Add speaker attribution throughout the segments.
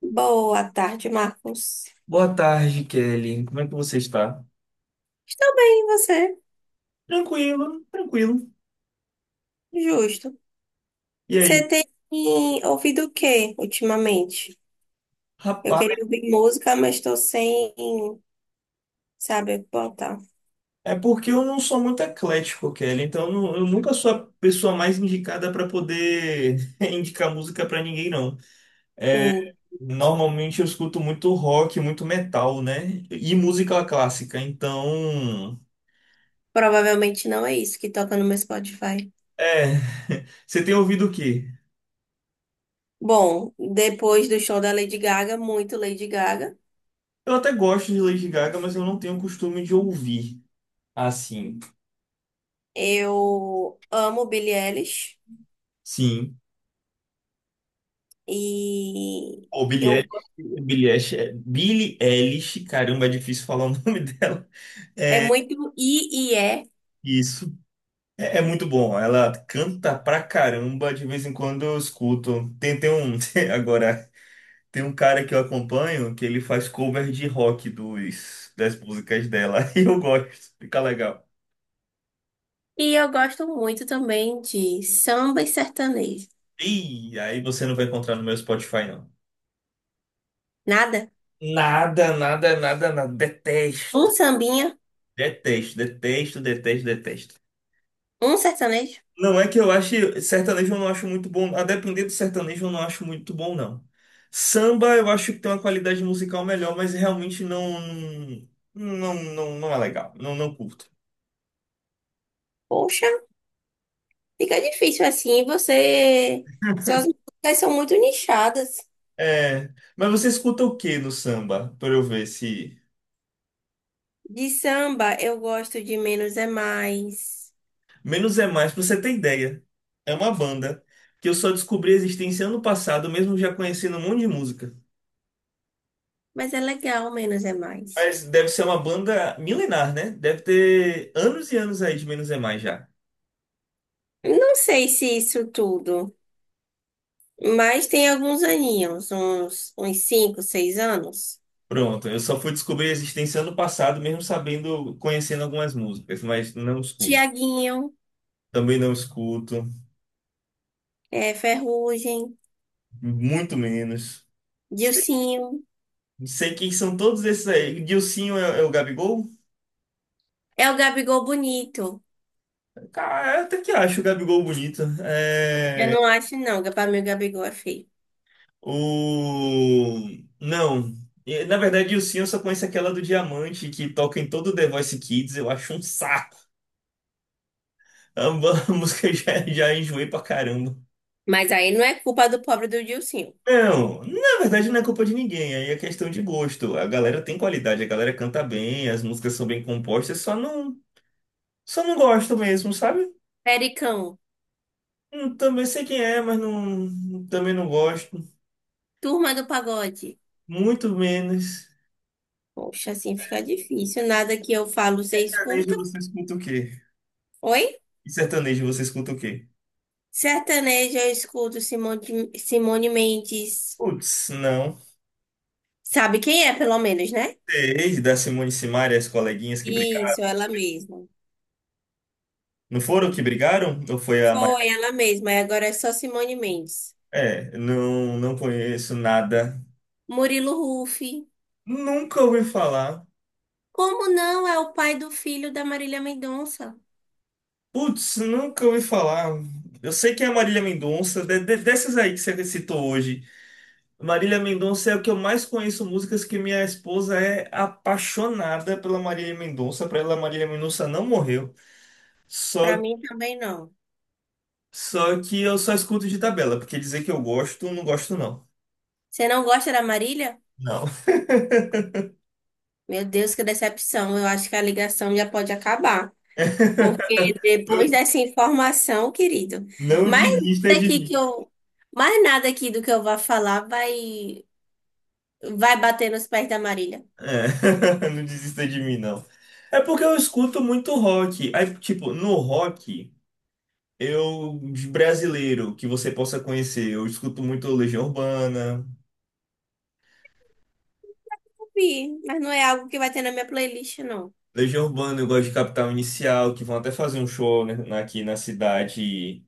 Speaker 1: Boa tarde, Marcos.
Speaker 2: Boa tarde, Kelly. Como é que você está?
Speaker 1: Estou bem, e você?
Speaker 2: Tranquilo, tranquilo.
Speaker 1: Justo.
Speaker 2: E aí?
Speaker 1: Você tem ouvido o que ultimamente? Eu
Speaker 2: Rapaz,
Speaker 1: queria ouvir música, mas estou sem saber botar.
Speaker 2: é porque eu não sou muito eclético, Kelly, então eu nunca sou a pessoa mais indicada para poder indicar música para ninguém, não.
Speaker 1: Hum,
Speaker 2: Normalmente eu escuto muito rock, muito metal, né? E música clássica, então.
Speaker 1: provavelmente não é isso que toca no meu Spotify.
Speaker 2: É. Você tem ouvido o quê?
Speaker 1: Bom, depois do show da Lady Gaga, muito Lady Gaga.
Speaker 2: Eu até gosto de Lady Gaga, mas eu não tenho costume de ouvir assim.
Speaker 1: Eu amo Billie Eilish
Speaker 2: Sim.
Speaker 1: e
Speaker 2: O Billie
Speaker 1: eu
Speaker 2: Eilish, caramba, é difícil falar o nome dela.
Speaker 1: é muito e é.
Speaker 2: Isso é muito bom. Ela canta pra caramba, de vez em quando eu escuto. Agora, tem um cara que eu acompanho que ele faz cover de rock dos, das músicas dela. E eu gosto, fica legal.
Speaker 1: E eu gosto muito também de samba e sertanejo.
Speaker 2: E aí você não vai encontrar no meu Spotify, não.
Speaker 1: Nada?
Speaker 2: Nada, nada, nada, nada. Detesto.
Speaker 1: Um sambinha?
Speaker 2: Detesto, detesto, detesto, detesto.
Speaker 1: Um sertanejo?
Speaker 2: Não é que eu ache sertanejo, eu não acho muito bom, a depender do sertanejo eu não acho muito bom, não. Samba eu acho que tem uma qualidade musical melhor, mas realmente não, não, não, não é legal, não, não curto.
Speaker 1: Poxa, fica difícil assim. Você. Suas músicas são muito nichadas.
Speaker 2: É, mas você escuta o que no samba? Pra eu ver se.
Speaker 1: De samba, eu gosto de Menos é Mais.
Speaker 2: Menos é Mais, pra você ter ideia. É uma banda que eu só descobri a existência ano passado, mesmo já conhecendo um monte de música.
Speaker 1: Mas é legal, Menos é Mais.
Speaker 2: Mas deve ser uma banda milenar, né? Deve ter anos e anos aí de Menos é Mais já.
Speaker 1: Não sei se isso tudo, mas tem alguns aninhos, uns cinco, seis anos.
Speaker 2: Pronto, eu só fui descobrir a existência ano passado, mesmo sabendo, conhecendo algumas músicas, mas não escuto.
Speaker 1: Tiaguinho,
Speaker 2: Também não escuto,
Speaker 1: é, Ferrugem,
Speaker 2: muito menos. Sei,
Speaker 1: Dilcinho.
Speaker 2: sei quem são todos esses aí. Dilsinho é o Gabigol?
Speaker 1: É o Gabigol bonito.
Speaker 2: Cara, eu até que acho o Gabigol bonito.
Speaker 1: Eu
Speaker 2: É,
Speaker 1: não acho, não. que Pra mim, o Gabigol é feio.
Speaker 2: o... Não. E, na verdade, Dilsinho eu só conheço aquela do Diamante, que toca em todo o The Voice Kids. Eu acho um saco. A a música já, já enjoei pra caramba.
Speaker 1: Mas aí não é culpa do pobre do Dilcinho.
Speaker 2: Não, na verdade não é culpa de ninguém, aí é questão de gosto. A galera tem qualidade, a galera canta bem, as músicas são bem compostas, só não gosto mesmo, sabe?
Speaker 1: Pericão,
Speaker 2: Também sei quem é, mas não, também não gosto.
Speaker 1: turma do pagode.
Speaker 2: Muito menos.
Speaker 1: Poxa, assim fica difícil. Nada que eu falo, você
Speaker 2: Sertanejo
Speaker 1: escuta.
Speaker 2: você escuta o quê?
Speaker 1: Oi?
Speaker 2: E sertanejo você escuta o quê?
Speaker 1: Sertanejo, eu escuto Simone, Simone Mendes.
Speaker 2: Putz, não.
Speaker 1: Sabe quem é, pelo menos, né?
Speaker 2: Desde da Simone e Simaria, as coleguinhas que
Speaker 1: Isso,
Speaker 2: brigaram.
Speaker 1: ela mesma.
Speaker 2: Não foram que brigaram? Ou foi a Maria?
Speaker 1: Foi ela mesma, e agora é só Simone Mendes.
Speaker 2: É, não, não conheço nada.
Speaker 1: Murilo Huff.
Speaker 2: Nunca ouvi falar.
Speaker 1: Como não é o pai do filho da Marília Mendonça?
Speaker 2: Putz, nunca ouvi falar. Eu sei que é a Marília Mendonça, dessas aí que você citou hoje. Marília Mendonça é o que eu mais conheço, músicas que minha esposa é apaixonada pela Marília Mendonça. Pra ela, Marília Mendonça não morreu.
Speaker 1: Pra
Speaker 2: Só,
Speaker 1: mim também não.
Speaker 2: só, que eu só escuto de tabela, porque dizer que eu gosto, não gosto, não.
Speaker 1: Você não gosta da Marília?
Speaker 2: Não.
Speaker 1: Meu Deus, que decepção. Eu acho que a ligação já pode acabar. Porque depois dessa informação, querido,
Speaker 2: Não
Speaker 1: mais
Speaker 2: desista
Speaker 1: nada
Speaker 2: de
Speaker 1: aqui que
Speaker 2: mim.
Speaker 1: eu, mais nada aqui do que eu vá falar vai bater nos pés da Marília.
Speaker 2: É, não desista de mim, não. É porque eu escuto muito rock. Aí, tipo, no rock. Eu, de brasileiro, que você possa conhecer, eu escuto muito Legião Urbana.
Speaker 1: Ouvi, mas não é algo que vai ter na minha playlist, não.
Speaker 2: Legião Urbana, eu gosto de Capital Inicial, que vão até fazer um show, né, aqui na cidade,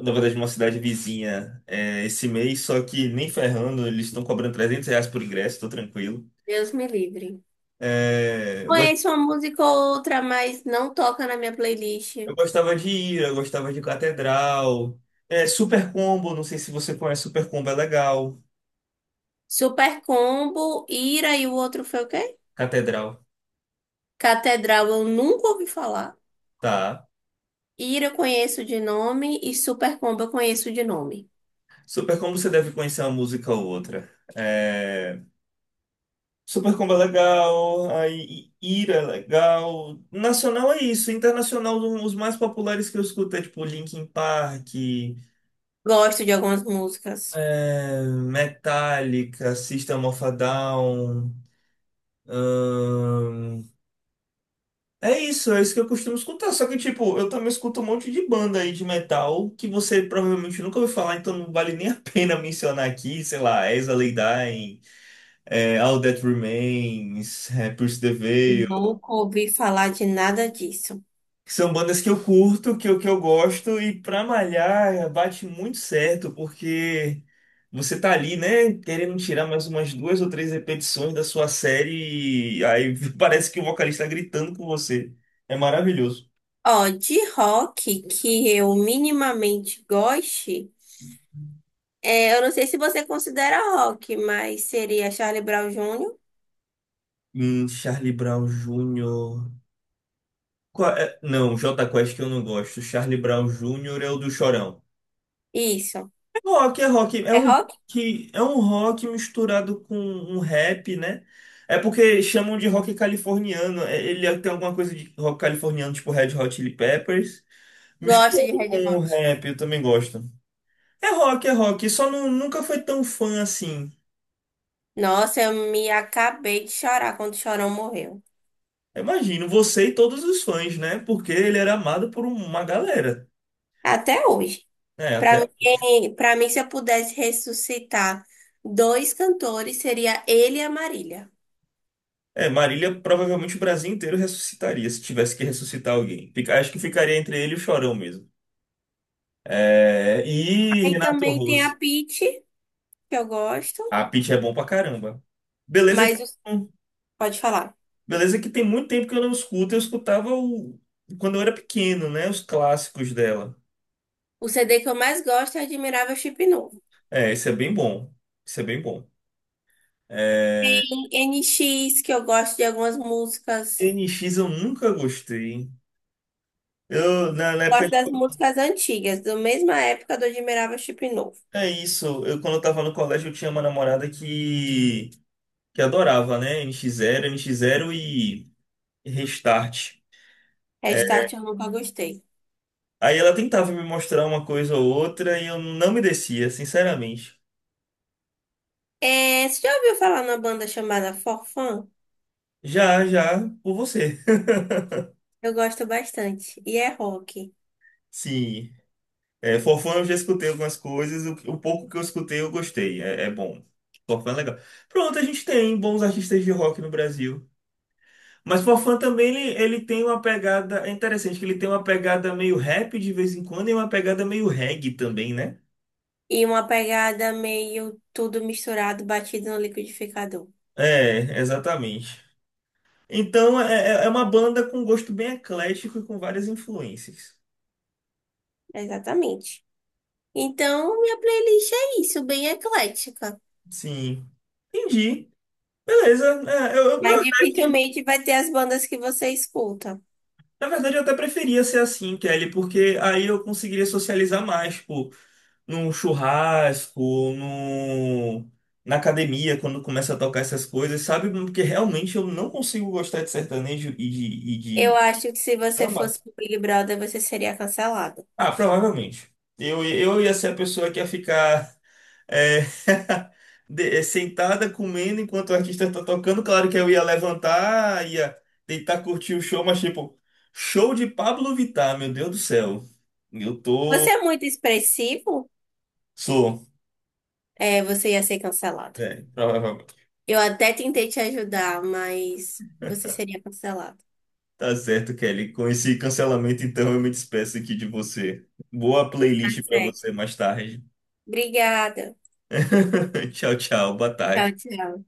Speaker 2: na verdade, uma cidade vizinha, é, esse mês, só que nem ferrando, eles estão cobrando R$ 300 por ingresso, tô tranquilo.
Speaker 1: Deus me livre.
Speaker 2: É, eu, gos-
Speaker 1: Conheço uma música ou outra, mas não toca na minha playlist.
Speaker 2: eu gostava de ir, eu gostava de Catedral. É, Super Combo, não sei se você conhece, Super Combo é legal.
Speaker 1: Super Combo, Ira e o outro foi o quê?
Speaker 2: Catedral,
Speaker 1: Catedral eu nunca ouvi falar.
Speaker 2: tá.
Speaker 1: Ira eu conheço de nome e Super Combo eu conheço de nome.
Speaker 2: Super Combo você deve conhecer uma música ou outra. É, Supercombo é legal, aí Ira é legal. Nacional é isso, internacional, os mais populares que eu escuto é tipo Linkin Park,
Speaker 1: Gosto de algumas músicas.
Speaker 2: é, Metallica, System of a Down. ahn, É isso, é isso que eu costumo escutar. Só que tipo, eu também escuto um monte de banda aí de metal que você provavelmente nunca ouviu falar, então não vale nem a pena mencionar aqui, sei lá, Exa Lay Dying, é, All That Remains, é, Push the Veil.
Speaker 1: Nunca ouvi falar de nada disso.
Speaker 2: Que são bandas que eu curto, que eu gosto, e pra malhar bate muito certo, porque você tá ali, né, querendo tirar mais umas duas ou três repetições da sua série, e aí parece que o vocalista tá gritando com você. É maravilhoso.
Speaker 1: Ó, de rock que eu minimamente goste, é, eu não sei se você considera rock, mas seria Charlie Brown júnior.
Speaker 2: Charlie Brown Jr. Qual é? Não, Jota Quest que eu não gosto. Charlie Brown Jr. é o do Chorão.
Speaker 1: Isso.
Speaker 2: Rock é rock, é
Speaker 1: É
Speaker 2: um
Speaker 1: rock?
Speaker 2: rock, é um rock misturado com um rap, né? É porque chamam de rock californiano. Ele é, tem alguma coisa de rock californiano, tipo Red Hot Chili Peppers,
Speaker 1: Gosto de
Speaker 2: misturado
Speaker 1: Red
Speaker 2: com o
Speaker 1: Hot.
Speaker 2: rap, eu também gosto. É rock, só não- nunca foi tão fã assim.
Speaker 1: Nossa, eu me acabei de chorar quando o Chorão morreu.
Speaker 2: Eu imagino, você e todos os fãs, né? Porque ele era amado por uma galera,
Speaker 1: Até hoje.
Speaker 2: né?
Speaker 1: Pra
Speaker 2: Até
Speaker 1: mim, para mim, se eu pudesse ressuscitar dois cantores, seria ele e a Marília.
Speaker 2: é, Marília, provavelmente o Brasil inteiro ressuscitaria se tivesse que ressuscitar alguém. Acho que ficaria entre ele e o Chorão mesmo. É, e
Speaker 1: Aí
Speaker 2: Renato
Speaker 1: também tem
Speaker 2: Russo.
Speaker 1: a Pitty, que eu gosto,
Speaker 2: A Pitty é bom pra caramba. Beleza que,
Speaker 1: mas pode falar.
Speaker 2: beleza que tem muito tempo que eu não escuto. Eu quando eu era pequeno, né? Os clássicos dela.
Speaker 1: O CD que eu mais gosto é Admirável Chip Novo.
Speaker 2: É, isso é bem bom. Isso é bem bom. É,
Speaker 1: Em NX, que eu gosto de algumas músicas.
Speaker 2: NX eu nunca gostei. Eu, na época,
Speaker 1: Gosto das músicas antigas, da mesma época do Admirável Chip Novo.
Speaker 2: é isso. Eu, quando eu tava no colégio, eu tinha uma namorada que adorava, né? NX Zero, NX Zero e Restart. É,
Speaker 1: Restart eu nunca gostei.
Speaker 2: aí ela tentava me mostrar uma coisa ou outra e eu não me descia, sinceramente.
Speaker 1: É, você já ouviu falar numa banda chamada Forfun?
Speaker 2: Já, já, por você.
Speaker 1: Eu gosto bastante. E é rock.
Speaker 2: Sim, é, Forfã eu já escutei algumas coisas, o pouco que eu escutei eu gostei, é bom. Forfã é legal. Pronto, a gente tem bons artistas de rock no Brasil. Mas Forfã também, ele tem uma pegada, é interessante que ele tem uma pegada meio rap de vez em quando e uma pegada meio reggae também, né?
Speaker 1: E uma pegada meio tudo misturado, batido no liquidificador.
Speaker 2: É, exatamente. Então é uma banda com gosto bem eclético e com várias influências.
Speaker 1: Exatamente. Então, minha playlist é isso, bem eclética.
Speaker 2: Sim. Entendi. Beleza. É, na
Speaker 1: Mas
Speaker 2: verdade,
Speaker 1: dificilmente vai ter as bandas que você escuta.
Speaker 2: na verdade, eu até preferia ser assim, Kelly, porque aí eu conseguiria socializar mais, tipo, num churrasco, num, na academia, quando começa a tocar essas coisas, sabe? Porque realmente eu não consigo gostar de sertanejo e de, e
Speaker 1: Eu
Speaker 2: de
Speaker 1: acho que se você
Speaker 2: samba.
Speaker 1: fosse pro Big Brother, você seria cancelado.
Speaker 2: Ah, provavelmente. Eu ia ser a pessoa que ia ficar. é, É sentada comendo enquanto o artista tá tocando. Claro que eu ia levantar, ia tentar curtir o show, mas tipo, show de Pablo Vittar, meu Deus do céu. Eu
Speaker 1: Você é
Speaker 2: tô.
Speaker 1: muito expressivo,
Speaker 2: Sou.
Speaker 1: é, você ia ser cancelado.
Speaker 2: É, provavelmente.
Speaker 1: Eu até tentei te ajudar, mas você seria cancelado.
Speaker 2: Tá certo, Kelly. Com esse cancelamento, então eu me despeço aqui de você. Boa
Speaker 1: Tá
Speaker 2: playlist pra
Speaker 1: certo.
Speaker 2: você mais tarde.
Speaker 1: Obrigada.
Speaker 2: Tchau, tchau. Boa
Speaker 1: Tchau,
Speaker 2: tarde.
Speaker 1: tchau.